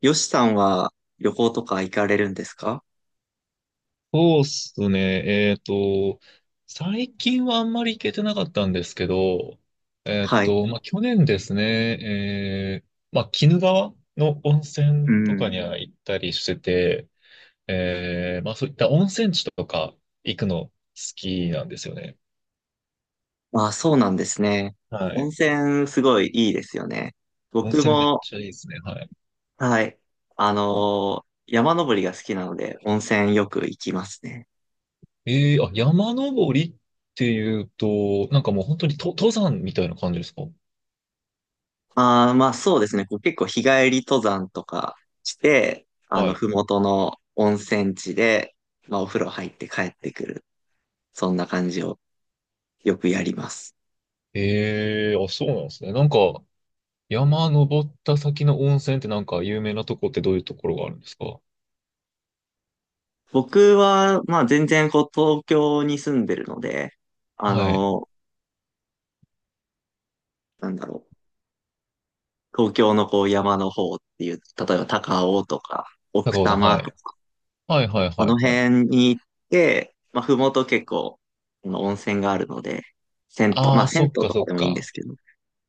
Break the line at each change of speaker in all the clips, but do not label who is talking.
よしさんは旅行とか行かれるんですか？
そうっすね。最近はあんまり行けてなかったんですけど、
はい。
去年ですね、鬼怒川の温
う
泉とか
ん。
には行ったりしてて、そういった温泉地とか行くの好きなんですよね。
まあ、そうなんですね。
は
温
い。
泉すごいいいですよね。
温
僕
泉めっ
も、
ちゃいいですね。は
はい、山登りが好きなので、温泉よく行きますね。
い。あ、山登りっていうと、なんかもう本当に登山みたいな感じですか？
まあー、まあそうですね。こう結構日帰り登山とかして、
はい。
ふもとの温泉地で、まあお風呂入って帰ってくる。そんな感じをよくやります。
あ、そうなんですね。なんか、山登った先の温泉ってなんか有名なとこってどういうところがあるんですか？
僕は、まあ全然こう東京に住んでるので、あ
はい。
の、なんだろう、東京のこう山の方っていう、例えば高尾とか奥
高尾
多
さん、
摩
は
と
い。
か、
はいはい
あ
は
の
いはい。
辺に行って、まあ麓結構、あの温泉があるので、銭湯、ま
あ
あ
あ、
銭
そ
湯
っか
と
そ
か
っ
でもいいんで
か。
すけど、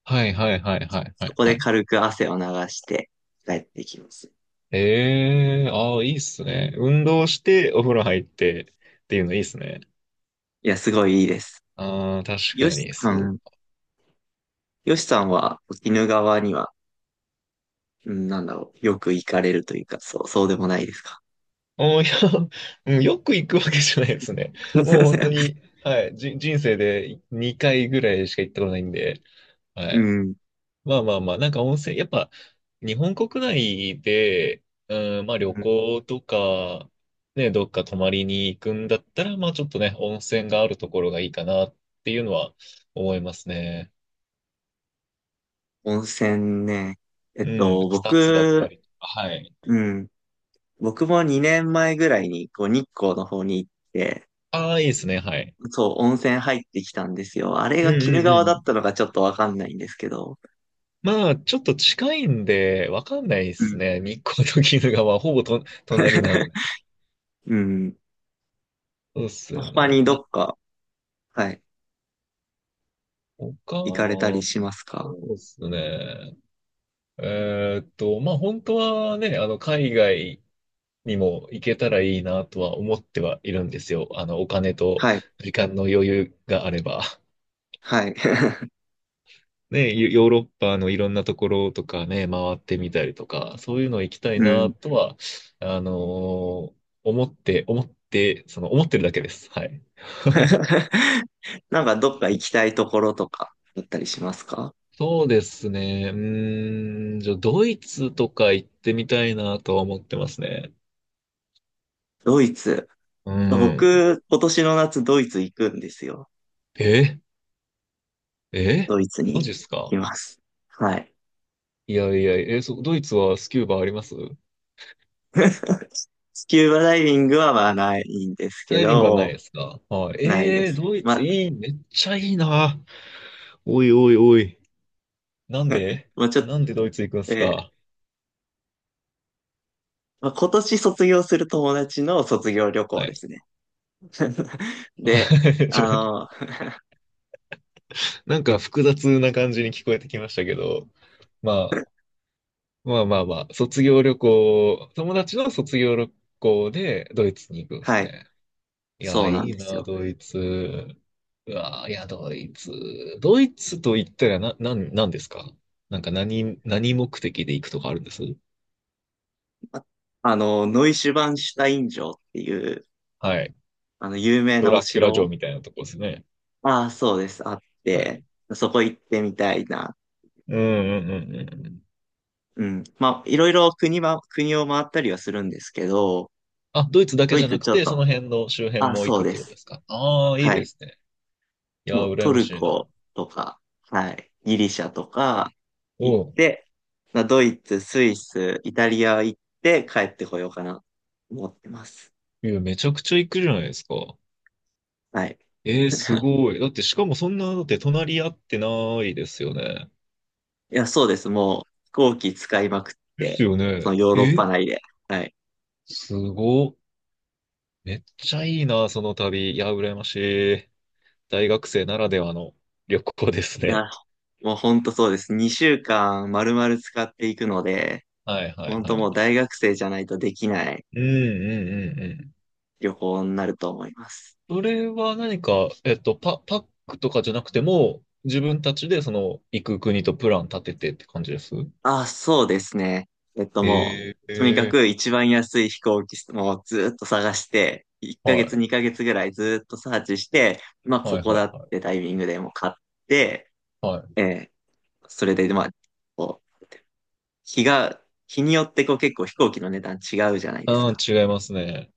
はいはいはいはいは
そ
い
こ
は
で
い。
軽く汗を流して帰ってきます。
ええー、ああ、いいっすね。運動してお風呂入ってっていうのいいっすね。
いや、すごいいいです。
ああ、確か
よし
に、
さ
そう。
ん、よしさんは鬼怒川には、うん、なんだろう、よく行かれるというか、そう、そうでもないですか？
あーいや、うん、よく行くわけじゃないですね。もう本当 に、はい、人生で2回ぐらいしか行ったことないんで、は
う
い。
ん、
まあまあまあ、なんか温泉、やっぱ日本国内で、うん、まあ
う
旅
ん。
行とか、ね、どっか泊まりに行くんだったら、まあちょっとね、温泉があるところがいいかなっていうのは思いますね。
温泉ね。
うん、草津だった
僕、
りとか、はい。
うん。僕も2年前ぐらいに、こう、日光の方に行って、
ああ、いいですね、はい。
そう、温泉入ってきたんですよ。あれ
う
が
ん
鬼
う
怒
んう
川だっ
ん。
たのかちょっとわかんないんですけど。
まあ、ちょっと近いんで、わかんないで
う
す
ん。
ね。日光と鬼怒川、ほぼ隣なの で。
うん。
そうっすよ
他
ね。
にどっか、はい、行かれたり
そ
しますか？
うっすね。本当はね、あの、海外にも行けたらいいなとは思ってはいるんですよ。あの、お金と
はい。
時間の余裕があれば。
はい。
ね、ヨーロッパのいろんなところとかね、回ってみたりとか、そういうの行きた い
う
な
ん。
とは、あのー思って、思って、その、思ってるだけです。はい。
なんかどっか行きたいところとかだったりしますか？
そうですね。うーん、じゃあ、ドイツとか行ってみたいなとは思ってますね。
ドイツ。
うん。
僕、今年の夏ドイツ行くんですよ。
ええ、
ドイツ
マジ
に
っす
い
か？
ます。はい。
いやいや、えーそドイツはスキューバあります？
スキューバダイビングはまあないんですけ
ダイビングはない
ど、
ですか？はい。
ないで
えー、
す。
ドイ
ま
ツ
あ、
いい、めっちゃいいな。おいおいおい。なん で、
まあちょっと、
なんでドイツ行くんすか？
まあ、今年卒業する友達の卒業旅
は
行で
い。
すね。で、
ち
あ
ょ
の、
なんか複雑な感じに聞こえてきましたけど、まあ、まあまあまあ、卒業旅行、友達の卒業旅行でドイツに行くんです
はい、
ね。い
そ
や、
うなん
い
で
い
す
な、
よ。
ドイツ。うわー、いや、ドイツ。ドイツと言ったらなんですか？なんか何目的で行くとかあるんです？
ああの、ノイシュバンシュタイン城っていう、
はい。
有名
ド
なお
ラキュラ城
城、
みたいなとこですね。
ああ、そうです、あっ
は
て、
い。
そこ行ってみたいな。
うんうんうんうんうん。
うん。まあ、いろいろ国を回ったりはするんですけど、
あ、ドイツだ
ド
けじ
イ
ゃな
ツ
く
ちょっ
て、そ
と
の辺の周辺
あ、
も行
そう
くっ
で
てこと
す。
ですか？ああー、いい
は
で
い。
すね。いや
も
ー、
う
羨
ト
ま
ル
しいな。
コとか、はい、ギリシャとか行っ
おう。
て、まあ、ドイツ、スイス、イタリア行って帰ってこようかな、思ってます。
いや、めちゃくちゃ行くじゃないですか。
はい。
えー、す ごい。だって、しかもそんな、だって隣り合ってないですよね。
いや、そうです。もう飛行機使いまくっ
です
て、
よ
その
ね。
ヨーロッパ内で。はい。
すごっ。めっちゃいいな、その旅。いや、羨ましい。大学生ならではの旅行です
い
ね。
や、もうほんとそうです。2週間丸々使っていくので、
はいは
ほ
い
ん
は
と
い
もう
は
大学生じゃないとできない
い。うんうんうんうん。
旅行になると思います。
それは何か、パックとかじゃなくても、自分たちでその、行く国とプラン立ててって感じです？
あ、そうですね。も
え
う、とにかく
え
一番安い飛行機もずっと探して、1
ー、
ヶ月
は
2ヶ月ぐらいずっとサーチして、まあ
い、
こ
はい
こ
は
だ
い
っ
は
てタイミングでもう買って、
い。はい。
ええそれでまあ、こう、日が、日によってこう結構飛行機の値段違うじゃないです
うん、
か。
違いますね。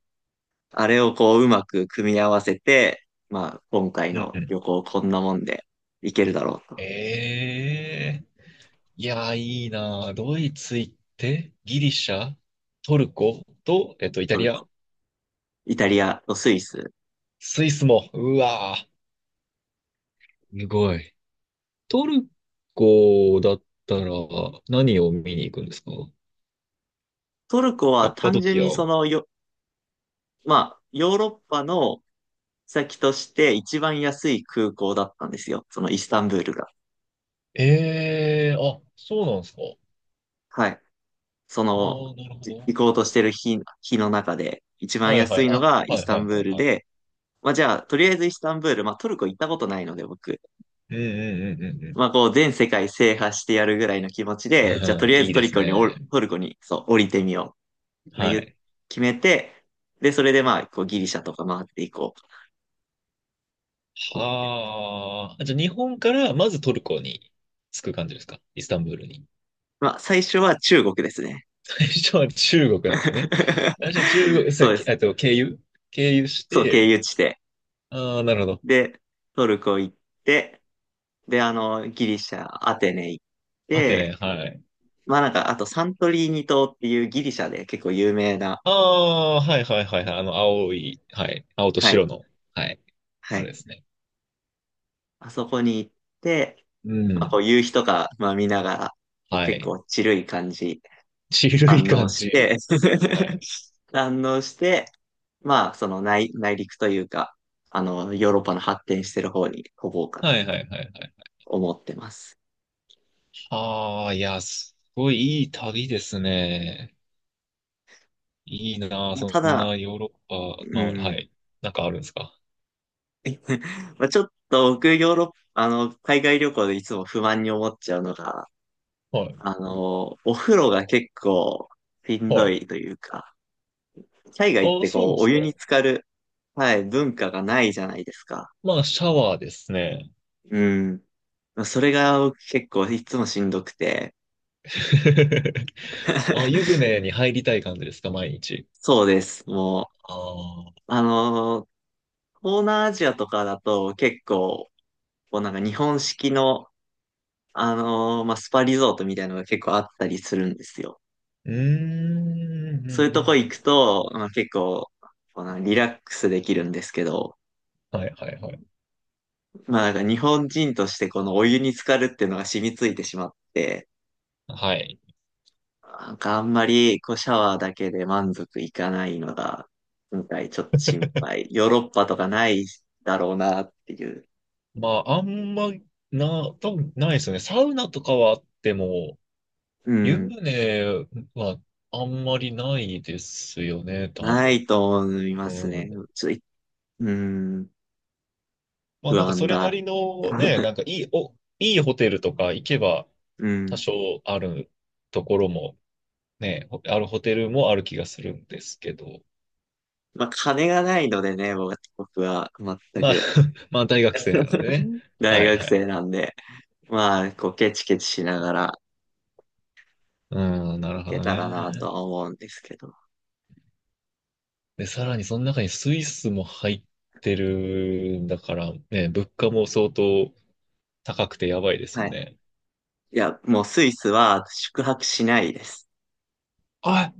あれをこううまく組み合わせて、まあ今回
うん
の
うん。
旅行こんなもんで行けるだろうと。
ええ、いやー、いいなー。ドイツ行って、ギリシャ、トルコと、えっと、イタ
トル
リ
コ、
ア。
イタリアとスイス。
スイスも、うわぁ。すごい。トルコだったら何を見に行くんですか？
トルコ
カ
は
ッパ
単
ド
純
キア。
にそのよ、まあ、ヨーロッパの先として一番安い空港だったんですよ。そのイスタンブールが。
ええー、あ、そうなんですか？
はい。そ
あ
の、
あ、なるほど。
行こうとしてる日の中で、一番
はいは
安
い、
いの
あ、
がイ
は
ス
い
タ
は
ン
い
ブー
はい
ル
はい。
で、まあじゃあ、とりあえずイスタンブール、まあトルコ行ったことないので僕、
うんうんうんうんう
まあこう全世界制覇してやるぐらいの気持ちで、じゃあと
ん。う
りあ
ん、
え
い
ず
い
ト
で
ル
す
コにおる、
ね。
トルコに、そう、降りてみよう。まあ、
は
言う
い。
決めて、で、それでまあ、こうギリシャとか回っていこうと思って。
はあ。じゃあ日本からまずトルコに着く感じですか？イスタンブールに。
まあ最初は中国ですね。
最初は中国なんですね。最初は中国、さ、
そうです。
えっと、経由、経由し
そう、経
て、
由地で。
ああ、なるほど。
で、トルコ行って、で、ギリシャ、アテネ行っ
アテネ、
て、
はい。
まあなんか、あとサントリーニ島っていうギリシャで結構有名な、
ああ、はいはいはいはい。あの、青い、はい。青と
はい、
白の、はい。
は
あれ
い。
ですね。
あそこに行って、
う
まあこ
ん。
う夕日とか、まあ見ながら、こう
は
結
い。
構チルい感じ、
ちるい
堪能
感
し
じ。
て
はい。
堪能して、まあ内陸というか、ヨーロッパの発展してる方に飛ぼうか
は
な、
いはいはいはい。
思ってます。
ああ、いや、すごいいい旅ですね。いいなあ、
まあ、た
そんな
だ、
ヨーロッパ、まあ、
う
は
ん、
い。なんかあるんですか？
まあ、ちょっと僕、ヨーロッパ、海外旅行でいつも不満に思っちゃうのが、
はい。
お風呂が結構しん
は
ど
い。
いというか、海外っ
ああ、
て
そう
こ
で
う、お
すか。
湯に浸かる、はい、文化がないじゃないですか。
まあ、シャワーですね。
うん。まあそれが僕結構いつもしんどくて、
あ、湯 船に入りたい感じですか、毎日？
そうです。も
ああ。
う、東南アジアとかだと結構、こうなんか日本式の、まあ、スパリゾートみたいなのが結構あったりするんですよ。
うーん、うん、うん、
そういうとこ行
うん。
くと、まあ、結構、このリラックスできるんですけど、
はいはいはい。
まあなんか日本人としてこのお湯に浸かるっていうのが染みついてしまって、
はい。
なんかあんまりこうシャワーだけで満足いかないのが、今回ちょっと心配。ヨーロッパとかないだろうなっていう。
まあ、あんま、多分ないですよね。サウナとかはあっても、
う
湯
ん。
船はあんまりないですよね、多
な
分。
いと思いま
う
すね。
ん。
ちょっと、うん。
まあ
不
なんか
安
それな
だ。
りのね、いいホテルとか行けば
う
多
ん。
少あるところもね、あるホテルもある気がするんですけど。
まあ金がないのでね、僕は僕は全
まあ
く。
まあ大学生なんでね。
大
はい
学
は
生
い。
なんで。まあ、こう、ケチケチしながら
うん、な
行
るほ
け
ど
たらなと
ね。
は思うんですけど。
で、さらにその中にスイスも入ってるんだからね、物価も相当高くてやばいです
は
よ
い。
ね。
いや、もうスイスは宿泊しないです。
あ、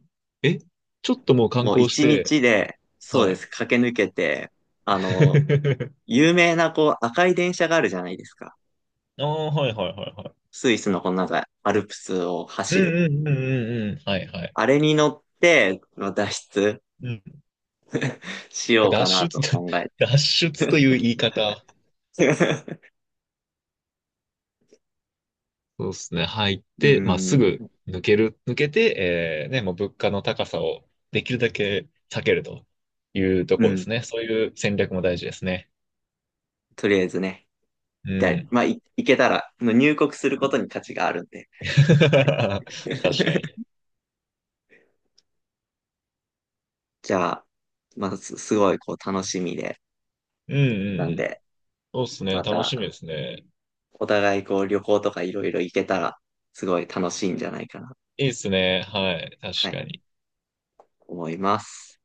え、ちょっともう観
もう
光し
一
て、
日で、そう
は
で
い。
す、駆け抜けて、あの、有名なこう、赤い電車があるじゃないですか。
ああ、はいはいはいはい。
スイスのこのなんか、アルプスを
うん
走る。
うんうんうんうん。はいはい。
あれに乗って、まあ脱出
うん。
しよう
脱
かな
出、
と 考えて。
脱出という言い方。そうですね。入っ
う
て、まあ、す
ん、
ぐ抜ける、抜けて、えーね、もう物価の高さをできるだけ避けるというと
う
ころで
ん、
すね。そういう戦略も大事ですね。
とりあえずね。
う
で、
ん。
まあ、行けたら、入国することに価値があるんで。
確
はい、
かに。
じゃあ、まあ、すごいこう楽しみで、
うんう
な
ん
ん
うん。
で、
そうっすね。
ま
楽
た
しみですね。
お互いこう旅行とかいろいろ行けたら、すごい楽しいんじゃないかな、
いいっすね。はい。確
はい、
かに。
思います。